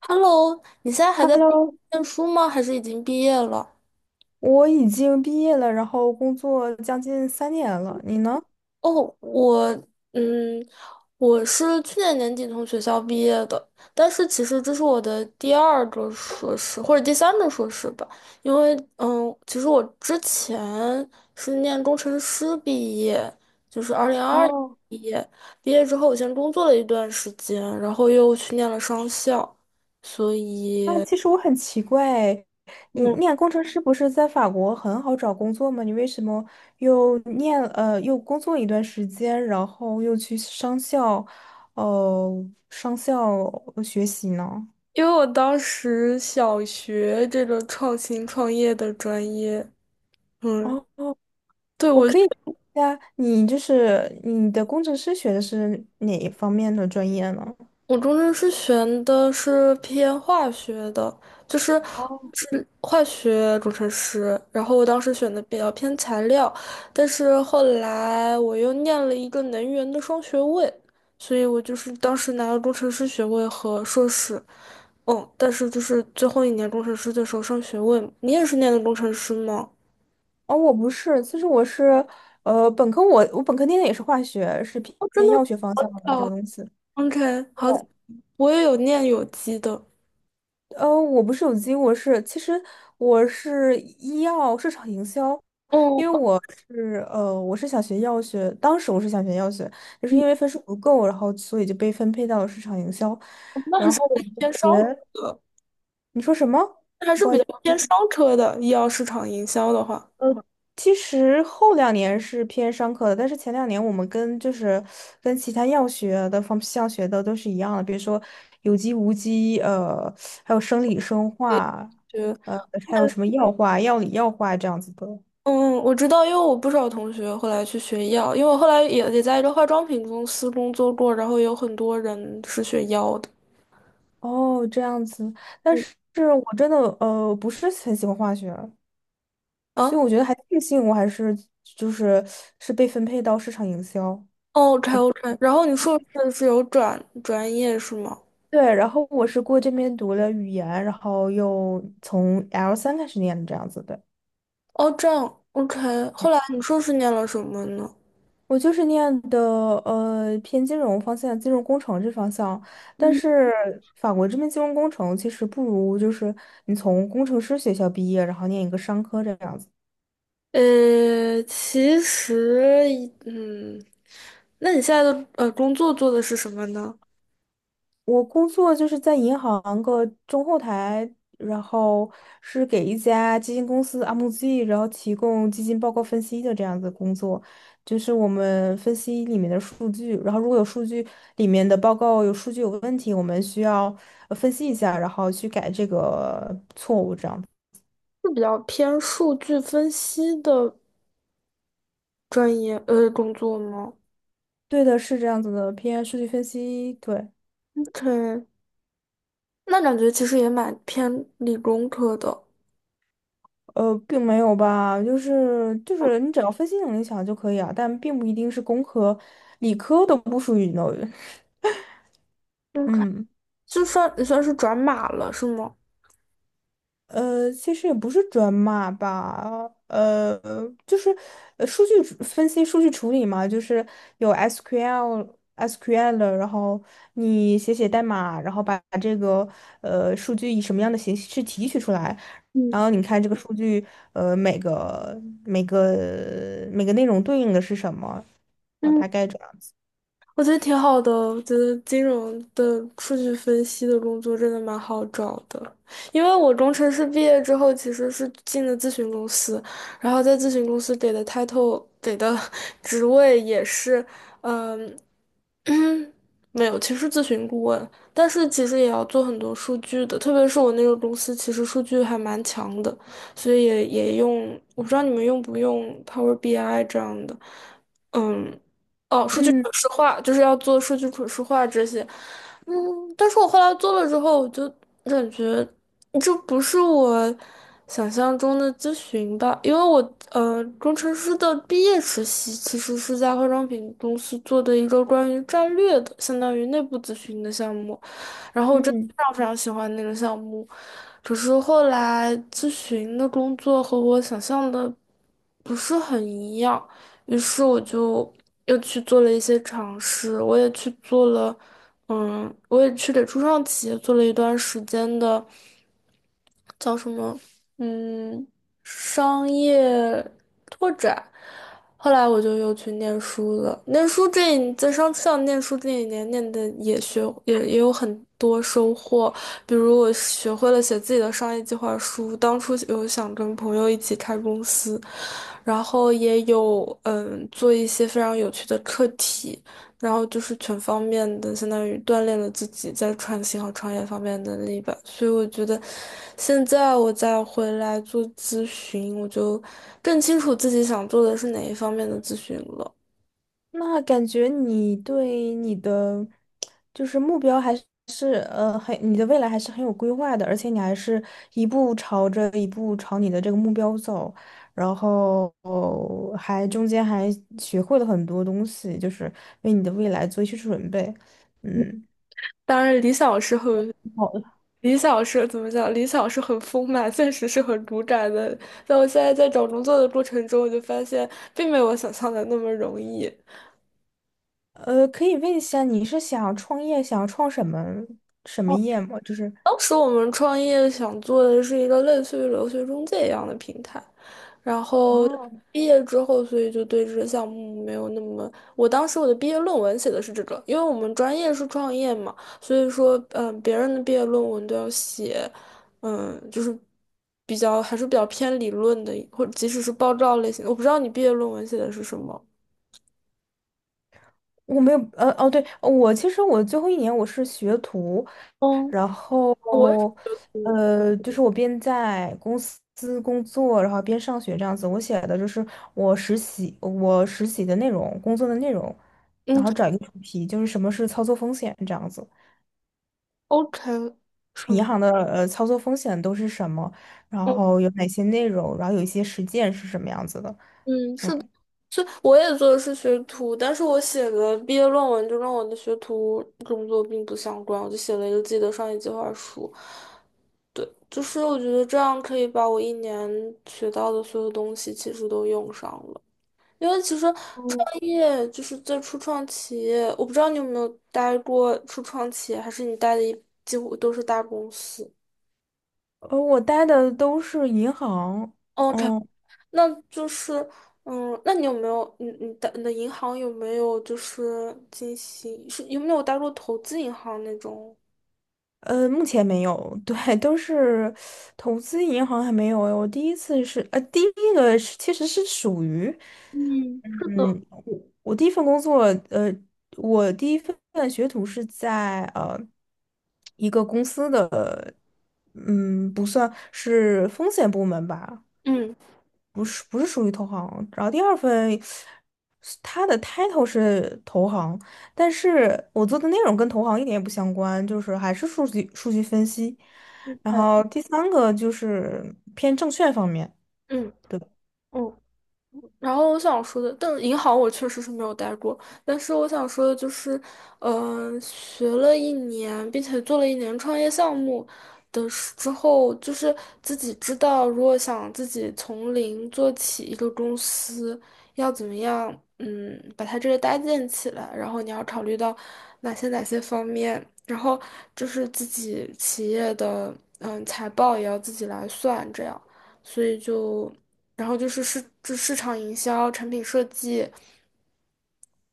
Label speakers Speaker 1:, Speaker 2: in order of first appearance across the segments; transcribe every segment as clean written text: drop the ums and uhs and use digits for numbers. Speaker 1: Hello,你现在还在
Speaker 2: Hello，
Speaker 1: 念书吗？还是已经毕业了？
Speaker 2: 我已经毕业了，然后工作将近三年了。你呢？
Speaker 1: 哦，我，嗯，我是去年年底从学校毕业的，但是其实这是我的第二个硕士或者第三个硕士吧，因为，其实我之前是念工程师毕业，就是二零二二
Speaker 2: 哦，
Speaker 1: 毕业，毕业之后我先工作了一段时间，然后又去念了商校，所
Speaker 2: 那
Speaker 1: 以。
Speaker 2: 其实我很奇怪，你
Speaker 1: 嗯。
Speaker 2: 念工程师不是在法国很好找工作吗？你为什么又念又工作一段时间，然后又去商校，呃商校学习呢？
Speaker 1: 因为我当时小学这个创新创业的专业，嗯，
Speaker 2: 哦，
Speaker 1: 对，
Speaker 2: 我可以问一下，你就是你的工程师学的是哪一方面的专业呢？
Speaker 1: 我中间是选的是偏化学的，就是是化学工程师，然后我当时选的比较偏材料，但是后来我又念了一个能源的双学位，所以我就是当时拿了工程师学位和硕士，嗯，但是就是最后一年工程师的时候上学位嘛你也是念的工程师吗？
Speaker 2: 哦，我不是，其实我是，本科我本科念的也是化学，是
Speaker 1: 哦，真
Speaker 2: 偏
Speaker 1: 的。
Speaker 2: 药学方向的这个
Speaker 1: 好
Speaker 2: 东西。
Speaker 1: OK，好，
Speaker 2: 对，
Speaker 1: 我也有念有机的，
Speaker 2: 我不是有机，我是其实我是医药市场营销，因为
Speaker 1: 哦，
Speaker 2: 我是我是想学药学，当时我是想学药学，就是
Speaker 1: 嗯
Speaker 2: 因为分数不够，然后所以就被分配到了市场营销，
Speaker 1: 那还
Speaker 2: 然
Speaker 1: 是
Speaker 2: 后我们
Speaker 1: 偏商
Speaker 2: 学，
Speaker 1: 科的，
Speaker 2: 你说什么？
Speaker 1: 那还是
Speaker 2: 不
Speaker 1: 比
Speaker 2: 好
Speaker 1: 较
Speaker 2: 意思。
Speaker 1: 偏商科的。医药市场营销的话，
Speaker 2: 呃，其实后两年是偏商科的，但是前两年我们跟就是跟其他药学的方向学的都是一样的，比如说有机、无机，还有生理生化，
Speaker 1: 对，
Speaker 2: 呃，还有什么药化、药理药化这样子的。
Speaker 1: 嗯，我知道，因为我不少同学后来去学医药，因为我后来也在一个化妆品公司工作过，然后有很多人是学药的。
Speaker 2: 哦，这样子，但
Speaker 1: 嗯
Speaker 2: 是我真的不是很喜欢化学，
Speaker 1: 啊
Speaker 2: 所以我觉得还庆幸我还是就是是被分配到市场营销。
Speaker 1: o k OK，然后你硕士是有转专业是吗？
Speaker 2: 对，然后我是过这边读了语言，然后又从 L 三开始念的这样子的。
Speaker 1: 哦，这样 OK，后来你硕士念了什么呢？
Speaker 2: 我就是念的偏金融方向，金融工程这方向，但是法国这边金融工程其实不如就是你从工程师学校毕业，然后念一个商科这样子。
Speaker 1: 其实嗯，那你现在的工作做的是什么呢？
Speaker 2: 我工作就是在银行个中后台，然后是给一家基金公司 MZ，然后提供基金报告分析的这样子工作，就是我们分析里面的数据，然后如果有数据里面的报告有数据有问题，我们需要分析一下，然后去改这个错误，这样。
Speaker 1: 是比较偏数据分析的专业工作吗
Speaker 2: 对的，是这样子的，偏数据分析，对。
Speaker 1: ？OK，那感觉其实也蛮偏理工科的。
Speaker 2: 并没有吧，就是你只要分析能力强就可以啊，但并不一定是工科、理科都不属于 n
Speaker 1: OK，
Speaker 2: 嗯，
Speaker 1: 就算你算是转码了，是吗？
Speaker 2: 其实也不是转码吧，就是数据处分析、数据处理嘛，就是有 SQL、SQL，然后你写代码，然后把这个数据以什么样的形式提取出来，
Speaker 1: 嗯。
Speaker 2: 然后你看这个数据，每个内容对应的是什么，哦，大概这样。
Speaker 1: 我觉得挺好的，我觉得金融的数据分析的工作真的蛮好找的，因为我工程师毕业之后其实是进了咨询公司，然后在咨询公司给的 title 给的 职位也是，嗯。嗯，没有，其实咨询顾问，但是其实也要做很多数据的，特别是我那个公司，其实数据还蛮强的，所以也用，我不知道你们用不用 Power BI 这样的，嗯，哦，数据
Speaker 2: 嗯
Speaker 1: 可视化，就是要做数据可视化这些，嗯，但是我后来做了之后，我就感觉这不是我想象中的咨询吧，因为我工程师的毕业实习其实是在化妆品公司做的一个关于战略的，相当于内部咨询的项目，然后我真的
Speaker 2: 嗯，
Speaker 1: 非常非常喜欢那个项目，只是后来咨询的工作和我想象的不是很一样，于是我就又去做了一些尝试，我也去做了，嗯，我也去给初创企业做了一段时间的。叫什么？嗯，商业拓展。后来我就又去念书了。念书在商上念书这一年念的也有很多收获，比如我学会了写自己的商业计划书。当初有想跟朋友一起开公司，然后也有嗯做一些非常有趣的课题。然后就是全方面的，相当于锻炼了自己在创新和创业方面的能力吧。所以我觉得，现在我再回来做咨询，我就更清楚自己想做的是哪一方面的咨询了。
Speaker 2: 那感觉你对你的就是目标还是很你的未来还是很有规划的，而且你还是一步朝你的这个目标走，然后还中间还学会了很多东西，就是为你的未来做一些准备。嗯，
Speaker 1: 当然，
Speaker 2: 好的
Speaker 1: 理想是怎么讲？理想是很丰满，现实是很骨感的。但我现在在找工作的过程中，我就发现，并没有我想象的那么容易。
Speaker 2: 可以问一下你是想创业，想创什么什么业吗？就是
Speaker 1: 当时我们创业想做的是一个类似于留学中介一样的平台，然后
Speaker 2: 哦。
Speaker 1: 毕业之后，所以就对这个项目没有那么。我当时我的毕业论文写的是这个，因为我们专业是创业嘛，所以说，嗯，别人的毕业论文都要写，嗯，就是还是比较偏理论的，或者即使是报告类型的。我不知道你毕业论文写的是什么。
Speaker 2: 我没有，对，我其实我最后一年我是学徒，
Speaker 1: 嗯，
Speaker 2: 然
Speaker 1: 我也
Speaker 2: 后，
Speaker 1: 是，
Speaker 2: 就是我边在公司工作，然后边上学这样子。我写的就是我实习，我实习的内容，工作的内容，然
Speaker 1: 嗯
Speaker 2: 后找一个主题，就是什么是操作风险这样子，
Speaker 1: ，OK，什
Speaker 2: 银
Speaker 1: 么？
Speaker 2: 行的操作风险都是什么，然后有哪些内容，然后有一些实践是什么样子的。
Speaker 1: 嗯，是的，
Speaker 2: 嗯，
Speaker 1: 是我也做的是学徒，但是我写的毕业论文就跟我的学徒工作并不相关，我就写了一个自己的商业计划书。对，就是我觉得这样可以把我一年学到的所有东西其实都用上了，因为其实创业就是在初创企业，我不知道你有没有待过初创企业，还是你待的几乎都是大公司。
Speaker 2: 我待的都是银行，
Speaker 1: 哦，k
Speaker 2: 嗯。
Speaker 1: 那就是，嗯，那你有没有，你的银行有没有就是进行，是有没有打入投资银行那种？
Speaker 2: 目前没有，对，都是投资银行还没有诶。我第一次是，第一个是其实是属于，
Speaker 1: 嗯，是的，
Speaker 2: 嗯，我第一份工作，呃，我第一份学徒是在一个公司的，嗯，不算是风险部门吧，
Speaker 1: 嗯
Speaker 2: 不是属于投行。然后第二份，它的 title 是投行，但是我做的内容跟投行一点也不相关，就是还是数据分析。然
Speaker 1: 对，
Speaker 2: 后第三个就是偏证券方面。
Speaker 1: 嗯。然后我想说的，但银行我确实是没有待过，但是我想说的就是，嗯、学了一年，并且做了一年创业项目之后，就是自己知道，如果想自己从零做起一个公司，要怎么样，嗯，把它这个搭建起来，然后你要考虑到哪些方面，然后就是自己企业的，嗯，财报也要自己来算，这样，所以就。然后就是市场营销、产品设计，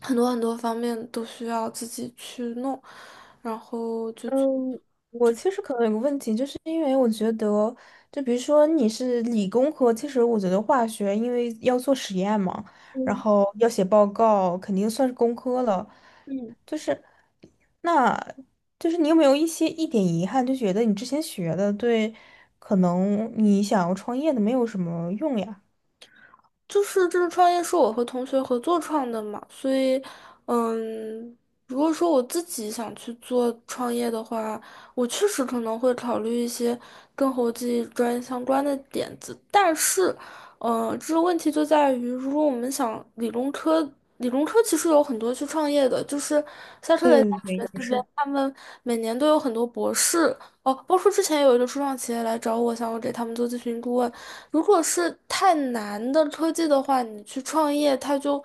Speaker 1: 很多方面都需要自己去弄，然后就去
Speaker 2: 嗯，我其实可能有个问题，就是因为我觉得，就比如说你是理工科，其实我觉得化学因为要做实验嘛，然
Speaker 1: 嗯
Speaker 2: 后要写报告，肯定算是工科了。
Speaker 1: 嗯。
Speaker 2: 那就是你有没有一点遗憾，就觉得你之前学的对，可能你想要创业的没有什么用呀？
Speaker 1: 就是这个创业是我和同学合作创的嘛，所以，嗯，如果说我自己想去做创业的话，我确实可能会考虑一些跟国际专业相关的点子，但是，这个问题就在于，如果我们想理工科，理工科其实有很多去创业的，就是夏特雷
Speaker 2: 嗯，
Speaker 1: 大
Speaker 2: 对，
Speaker 1: 学
Speaker 2: 不
Speaker 1: 这边，
Speaker 2: 是。
Speaker 1: 他们每年都有很多博士，哦，包括之前有一个初创企业来找我，想我给他们做咨询顾问。如果是太难的科技的话，你去创业，它就，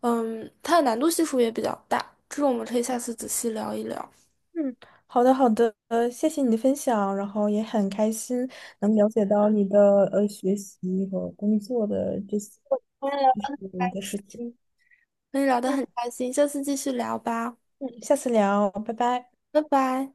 Speaker 1: 嗯，它的难度系数也比较大。这个我们可以下次仔细聊一聊。
Speaker 2: 嗯，好的好的，谢谢你的分享，然后也很开心能了解到你的学习和工作的这些，就
Speaker 1: 嗯
Speaker 2: 是你的事情。
Speaker 1: 跟你聊得
Speaker 2: 嗯
Speaker 1: 很开心，下次继续聊吧，
Speaker 2: 嗯，下次聊，拜拜。
Speaker 1: 拜拜。